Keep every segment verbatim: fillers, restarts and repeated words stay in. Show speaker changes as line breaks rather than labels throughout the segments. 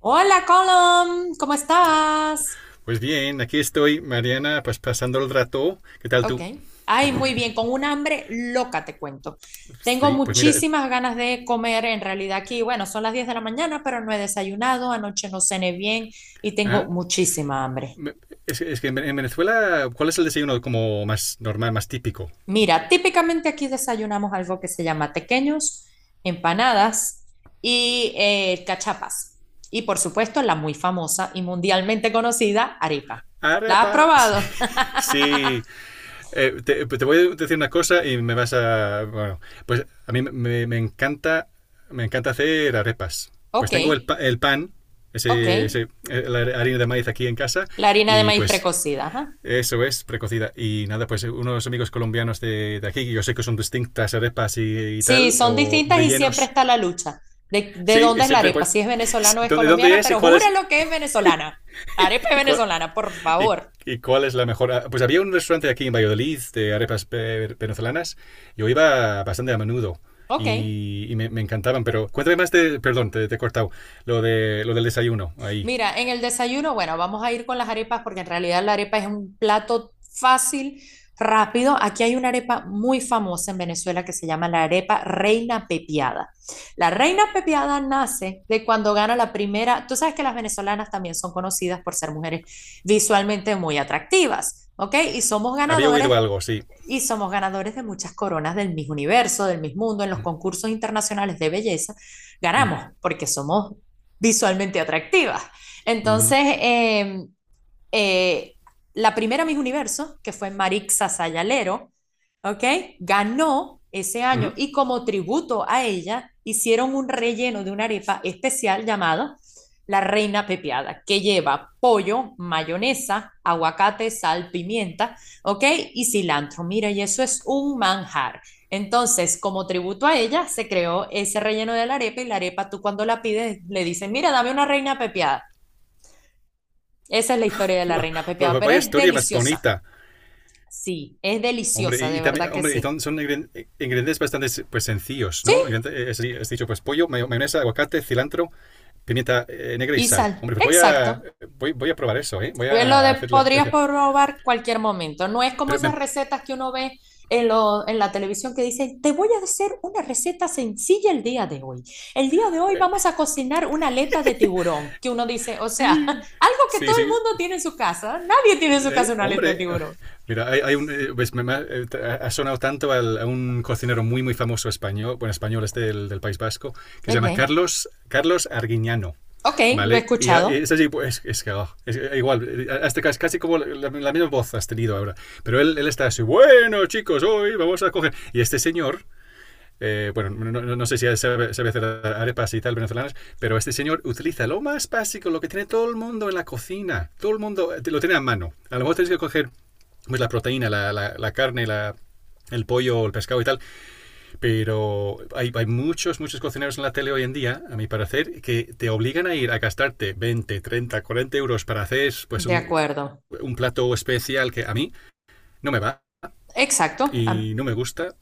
Hola, Colom, ¿cómo estás?
Pues bien, aquí estoy, Mariana, pues pasando el rato. ¿Qué tal
Ok.
tú?
Ay, muy bien, con un hambre loca te cuento. Tengo
Sí, pues mira,
muchísimas ganas de comer, en realidad aquí, bueno, son las diez de la mañana, pero no he desayunado, anoche no cené bien y tengo
¿ah?
muchísima hambre.
es, es que en en Venezuela, ¿cuál es el desayuno como más normal, más típico?
Mira, típicamente aquí desayunamos algo que se llama tequeños, empanadas y eh, cachapas. Y por supuesto, la muy famosa y mundialmente conocida arepa. ¿La has
Arepa, sí.
probado?
Sí. Eh, te, te voy a decir una cosa y me vas a... Bueno, pues a mí me, me encanta, me encanta hacer arepas. Pues
Ok,
tengo el, pa- el pan,
ok.
ese, ese- eh, la harina de maíz aquí en casa
La harina de
y
maíz
pues
precocida, ajá.
eso es, precocida. Y nada, pues unos amigos colombianos de, de aquí, que yo sé que son distintas arepas y, y
Sí,
tal,
son
o
distintas y siempre
rellenos.
está la lucha. ¿De, de
Sí, y
dónde es la
siempre
arepa?
pues,
Si es venezolana o es
¿dónde, dónde
colombiana,
es y
pero
cuál es?
júralo que es venezolana. Arepa es
Y cuál,
venezolana, por
y,
favor.
¿y cuál es la mejor? Ah, pues había un restaurante aquí en Valladolid de arepas ve- venezolanas. Yo iba bastante a menudo
Ok.
y, y me, me encantaban, pero cuéntame más de, perdón, te, te he cortado, lo, de, lo del desayuno ahí.
Mira, en el desayuno, bueno, vamos a ir con las arepas porque en realidad la arepa es un plato fácil, rápido. Aquí hay una arepa muy famosa en Venezuela que se llama la arepa Reina Pepiada. La Reina Pepiada nace de cuando gana la primera, tú sabes que las venezolanas también son conocidas por ser mujeres visualmente muy atractivas, ¿ok? Y somos
Había
ganadores
oído algo, sí.
y somos ganadores de muchas coronas del mismo universo, del mismo mundo, en los
Mm.
concursos internacionales de belleza,
Mm.
ganamos porque somos visualmente atractivas.
Mhm.
Entonces, eh, eh, la primera Miss Universo, que fue Marixa Sayalero, ¿ok? Ganó ese
Mhm.
año y como tributo a ella hicieron un relleno de una arepa especial llamado la reina Pepiada que lleva pollo, mayonesa, aguacate, sal, pimienta, ¿ok? Y cilantro. Mira, y eso es un manjar. Entonces, como tributo a ella, se creó ese relleno de la arepa y la arepa tú cuando la pides le dices, mira, dame una reina Pepiada, esa es la historia de la reina pepiada,
Pues
pero
vaya
es
historia más
deliciosa.
bonita.
Sí, es
Hombre,
deliciosa,
y, y
de
también,
verdad que
hombre, y
sí.
son, ingren- ingredientes bastante, pues, sencillos,
Sí,
¿no? Ingredientes, eh, es, es dicho, pues pollo, mayo- mayonesa, aguacate, cilantro, pimienta, eh, negra y
y
sal.
sal.
Hombre, pues voy a,
Exacto.
voy, voy a probar eso, ¿eh? Voy
Eh, Lo
a
de
hacer la...
podrías
Pero
probar cualquier momento. No es como esas
me-
recetas que uno ve en, lo- en la televisión que dicen, te voy a hacer una receta sencilla el día de hoy. El día de hoy vamos a cocinar una aleta de tiburón, que uno dice, o sea, algo que
Sí,
todo el
sí.
mundo tiene en su casa. Nadie tiene en su casa
Eh,
una aleta de
hombre,
tiburón.
mira, hay, hay un, eh, ves, me, me ha, eh, sonado tanto al- a un cocinero muy, muy famoso español, bueno, español este del, del País Vasco, que se llama
Ok,
Carlos, Carlos Arguiñano.
ok, lo he
Vale, y
escuchado.
es así, pues, es que oh, es- eh, igual, eh, hasta casi, casi como la, la misma voz has tenido ahora, pero él, él está así, bueno, chicos, hoy vamos a coger, y este señor, eh, bueno, no, no, no sé si sabe, sabe, hacer arepas y tal venezolanas, pero este señor utiliza lo más básico, lo que tiene todo el mundo en la cocina. Todo el mundo, eh, lo tiene a mano. A lo mejor tienes que coger pues, la proteína, la, la, la carne, la, el pollo, el pescado y tal, pero hay, hay muchos, muchos cocineros en la tele hoy en día, a mi parecer, que te obligan a ir a gastarte veinte, treinta, cuarenta euros para hacer pues
De
un,
acuerdo.
un plato especial que a mí no me va
Exacto. Am-
y no me gusta.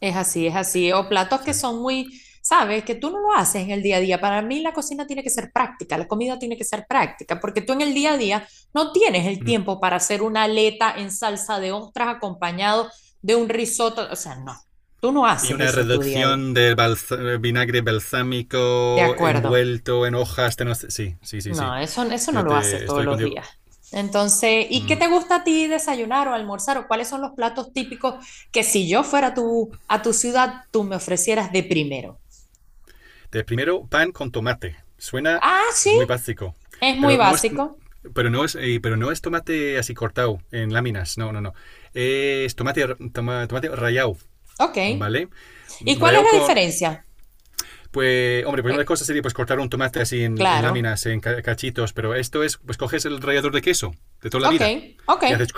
Es así, es así. O
O
platos que
sea,
son muy, sabes, que tú no lo haces en el día a día. Para mí la cocina tiene que ser práctica, la comida tiene que ser práctica, porque tú en el día a día no tienes el
mm.
tiempo para hacer una aleta en salsa de ostras acompañado de un risotto. O sea, no, tú no
Y
haces
una
eso en tu día a día.
reducción del balsa- vinagre
De
balsámico
acuerdo.
envuelto en hojas de no sé... Sí, sí, sí, sí.
No, eso, eso no
Yo
lo haces
te
todos
estoy
los
contigo.
días. Entonces, ¿y qué
Mm.
te gusta a ti desayunar o almorzar o cuáles son los platos típicos que si yo fuera a tu, a tu ciudad, tú me ofrecieras de primero?
De primero, pan con tomate. Suena
Ah, sí,
muy básico.
es muy
Pero no es.
básico.
Pero no es, eh, pero no es tomate así cortado en láminas. No, no, no. Es tomate, r- toma- tomate rallado,
Ok.
¿vale?
¿Y cuál es
Rallado
la
con...
diferencia?
Pues, hombre, pues una
Eh,
cosa sería pues cortar un tomate así en, en
claro.
láminas, en cachitos, pero esto es, pues coges el rallador de queso de toda la
Ok,
vida
ok,
y haces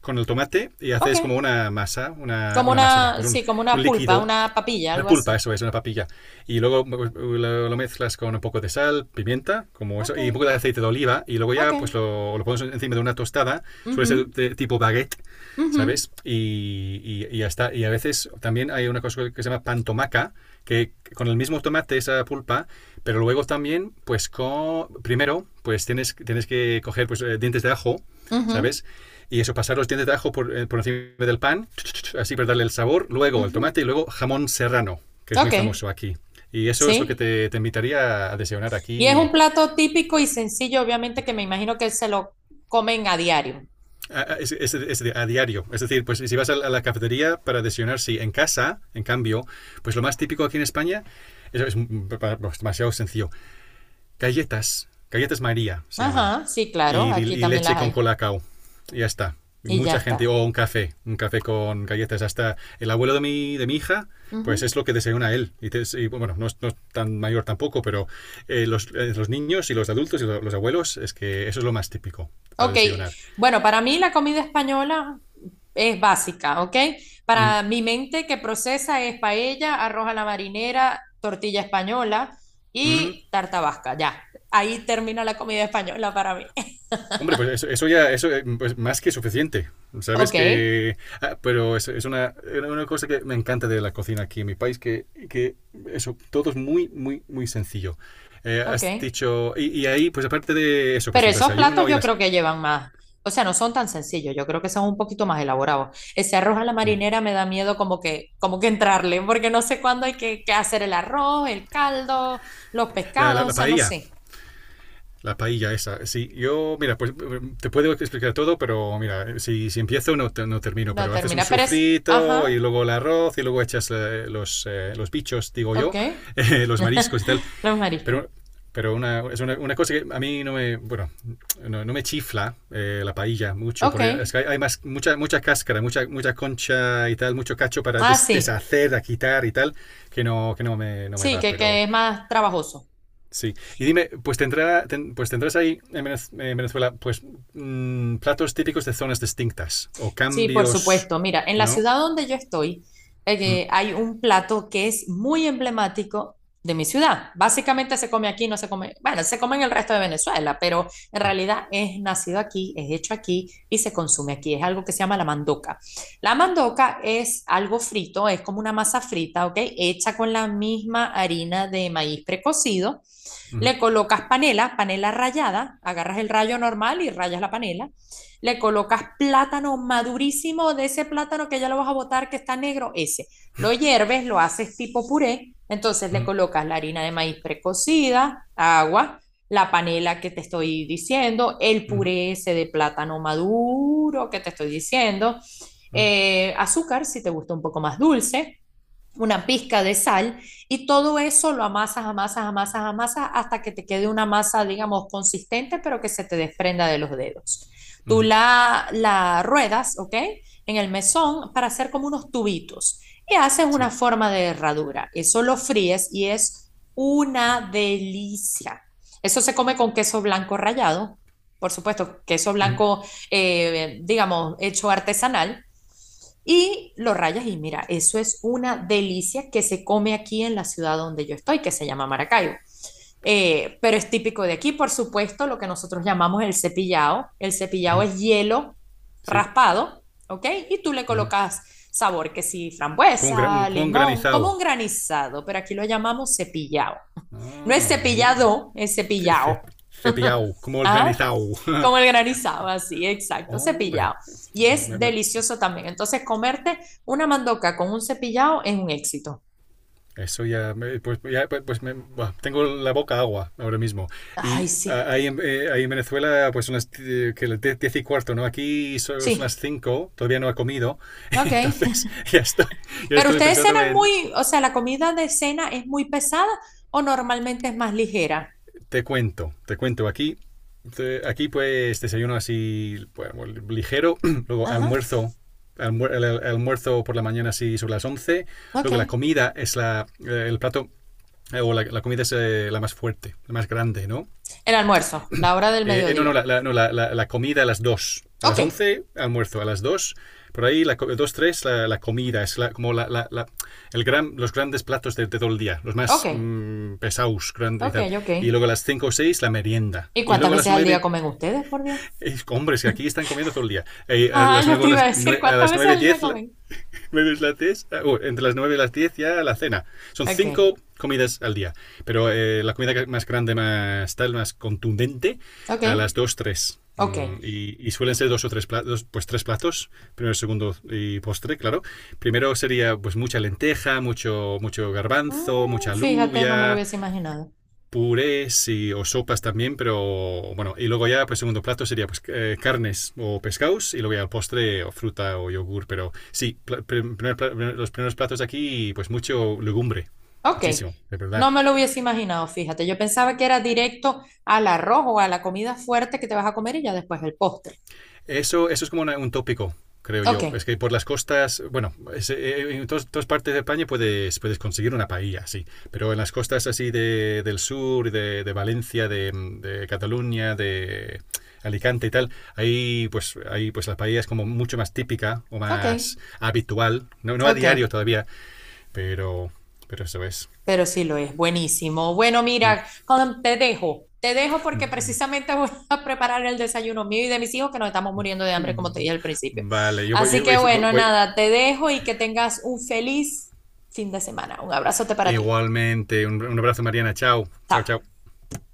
con el tomate y haces como
ok.
una masa, una,
Como
una masa, no,
una,
pues un,
sí, como
un
una pulpa,
líquido,
una papilla,
una
algo
pulpa,
así.
eso es, una papilla. Y luego pues, lo, lo mezclas con un poco de sal, pimienta, como
Ok,
eso, y un poco de aceite de oliva. Y luego
ok.
ya pues lo, lo pones encima de una tostada. Suele ser
Ujú,
de tipo baguette,
ujú,
¿sabes? Y, y, y ya está. Y a veces también hay una cosa que se llama pan tomaca, que con el mismo tomate, esa pulpa, pero luego también, pues con, primero, pues tienes, tienes que coger pues, eh, dientes de ajo,
ujú,
¿sabes? Y eso, pasar los dientes de ajo por, eh, por encima del pan, así para darle el sabor, luego el
ujú.
tomate y luego jamón serrano, que es muy
Ok,
famoso aquí. Y eso es lo que
sí.
te, te invitaría a desayunar
Y es un
aquí
plato típico y sencillo, obviamente, que me imagino que se lo comen a diario.
a, a, es, es, a diario. Es decir, pues si vas a la cafetería para desayunar, sí, en casa, en cambio, pues lo más típico aquí en España es, es demasiado sencillo. Galletas, galletas María se llaman.
Ajá, sí, claro.
Y, y-
Aquí
y
también
leche
las
con
hay.
colacao. Y ya está. Y
Y ya
mucha gente,
está.
o un café, un café con galletas. Hasta el abuelo de mi, de mi hija, pues es lo que desayuna él. Y, te- y, bueno, no es, no es tan mayor tampoco, pero eh, los, eh, los niños y los adultos y lo- los abuelos, es que eso es lo más típico para
Ok,
desayunar.
bueno, para mí la comida española es básica, ¿ok?
Mm.
Para mi mente que procesa es paella, arroz a la marinera, tortilla española
Ujú.
y tarta vasca, ya. Ahí termina la comida española para mí.
Hombre, pues eso, eso ya, eso eh, pues más que suficiente. Sabes
Ok,
que... Ah, pero es, es una, era una cosa que me encanta de la cocina aquí en mi país, que, que eso, todo es muy, muy, muy sencillo. Eh,
ok.
has dicho... Y, y ahí, pues aparte de eso, pues
Pero
el
esos platos
desayuno y
yo
las...
creo que llevan más. O sea, no son tan sencillos, yo creo que son un poquito más elaborados. Ese arroz a la
Mm.
marinera me da miedo como que, como que entrarle, porque no sé cuándo hay que, que hacer el arroz, el caldo, los
La, la,
pescados,
la
o sea, no
paella,
sé.
la paella esa. Sí, yo, mira, pues te puedo explicar todo, pero mira, si, si empiezo no, te- no termino,
La
pero haces un
termina, Pérez,
sufrito y
ajá,
luego el arroz y luego echas eh, los, eh, los bichos, digo
ok.
yo, eh, los mariscos y tal.
Los mariscos.
Pero, pero una, es una, una cosa que a mí no me, bueno, no, no me chifla eh, la paella mucho,
Ok.
porque es que hay, hay más, mucha, mucha cáscara, mucha, mucha concha y tal, mucho cacho para
Ah,
des-
sí.
deshacer, a quitar y tal, que no, que no me, no me
Sí,
va,
que, que
pero
es más trabajoso.
sí. Y dime, pues, tendrá, ten- pues tendrás ahí en Venezuela, pues, mm, platos típicos de zonas distintas, o
Sí, por
cambios,
supuesto. Mira, en la
¿no?
ciudad donde yo estoy,
Mm.
eh, hay un plato que es muy emblemático de mi ciudad. Básicamente se come aquí, no se come, bueno, se come en el resto de Venezuela, pero en
Mm.
realidad es nacido aquí, es hecho aquí y se consume aquí. Es algo que se llama la mandoca. La mandoca es algo frito, es como una masa frita, ¿ok? Hecha con la misma harina de maíz precocido,
Mhm.
le colocas panela, panela rallada, agarras el rayo normal y rayas la panela. Le colocas plátano madurísimo de ese plátano que ya lo vas a botar que está negro, ese. Lo hierves, lo haces tipo puré. Entonces le
Mm.
colocas la harina de maíz precocida, agua, la panela que te estoy diciendo, el
Mhm.
puré ese de plátano maduro que te estoy diciendo,
Mm.
eh, azúcar si te gusta un poco más dulce, una pizca de sal y todo eso lo amasas, amasas, amasas, amasas hasta que te quede una masa, digamos, consistente, pero que se te desprenda de los dedos. Tú
Mhm.
la, la ruedas, ¿ok? En el mesón para hacer como unos tubitos y haces una
Sí.
forma de herradura. Eso lo fríes y es una delicia. Eso se come con queso blanco rallado, por supuesto, queso
Mhm.
blanco, eh, digamos, hecho artesanal, y lo rayas y mira, eso es una delicia que se come aquí en la ciudad donde yo estoy, que se llama Maracaibo. Eh, pero es típico de aquí, por supuesto, lo que nosotros llamamos el cepillado. El cepillado
Mhm.
es hielo
Sí.
raspado, ¿ok? Y tú le
Mhm.
colocas sabor que sí,
Como un, un-
frambuesa,
como un
limón, como
granizado.
un granizado, pero aquí lo llamamos cepillado. No es
Ah, mira.
cepillado, es cepillado.
Ce- cepillado, como el
Ah,
granizado.
como el granizado, así, exacto,
Hombre,
cepillado. Y
me-
es
me-
delicioso también. Entonces, comerte una mandoca con un cepillado es un éxito.
eso ya, me- pues, ya, pues- pues me- buah, tengo la boca agua ahora mismo.
Ay,
Y ah,
sí,
ahí en, eh, ahí en Venezuela, pues son las eh, que las diez y cuarto, ¿no? Aquí so- son, las
sí,
cinco, todavía no he comido.
ok.
Entonces, ya estoy, ya
Pero
estoy
ustedes
pensando
cenan
en,
muy, o sea, la comida de cena es muy pesada o normalmente es más ligera.
te cuento, te cuento. Aquí, te- aquí pues desayuno así, bueno, ligero, luego
Ajá,
almuerzo, almuer- el, el almuerzo por la mañana así sobre las once,
ok.
luego la comida es la, eh, el plato, eh, o la, la comida es eh, la más fuerte, la más grande, ¿no?
El almuerzo, la hora del
Eh, eh, no, no,
mediodía.
la, la- no, la- la- la comida a las dos. A
Ok,
las once almuerzo. A las dos por ahí, la, dos tres la, la comida. Es la- como la, la- la- el gran, los grandes platos de, de todo el día. Los
ok,
más mm, pesados grandes y
ok,
tal.
ok.
Y luego a las cinco o seis la merienda.
¿Y
Y
cuántas
luego a las
veces al día
nueve,
comen ustedes, por Dios?
hombres, que aquí están comiendo todo el día. Eh, a las
Ajá, yo
nueve
te iba a decir,
a
¿cuántas
las
veces
nueve
al día
diez la,
comen?
nueve las diez uh, entre las nueve y las diez ya la cena. Son
Ok,
cinco comidas al día. Pero eh, la comida más grande, más tal, más contundente,
ok,
a las dos tres.
ok.
Mm, y, y, suelen ser dos o tres platos, pues tres platos, primero, segundo y postre, claro. Primero sería pues mucha lenteja, mucho, mucho garbanzo, mucha
Mm, fíjate, no me lo
alubia,
hubiese imaginado.
purés y, o sopas también, pero bueno, y luego ya, pues segundo plato sería pues, eh, carnes o pescados y luego ya el postre o fruta o yogur, pero sí, pla- prim- primer los primeros platos aquí, pues mucho legumbre,
Ok,
muchísimo, de verdad.
no me lo hubiese imaginado, fíjate. Yo pensaba que era directo al arroz o a la comida fuerte que te vas a comer y ya después el postre.
Eso, eso es como una- un tópico, creo
Ok,
yo. Es que por las costas, bueno, es, eh, eh, en tos- todas partes de España puedes, puedes conseguir una paella, sí. Pero en las costas así de, del sur, de, de Valencia, de, de Cataluña, de Alicante y tal, ahí pues, ahí pues la paella es como mucho más típica o
ok,
más habitual. No, no a diario
ok.
todavía, pero, pero eso es.
Pero sí lo es, buenísimo. Bueno,
Mm.
mira, Colm, te dejo. Te dejo porque precisamente voy a preparar el desayuno mío y de mis hijos que nos estamos muriendo de hambre, como te dije al principio.
Vale, yo voy,
Así
yo
que
voy-
bueno,
voy-
nada, te dejo y que tengas un feliz fin de semana. Un abrazote para ti.
igualmente. Un, un abrazo, Mariana. Chao,
Chao.
chao, chao.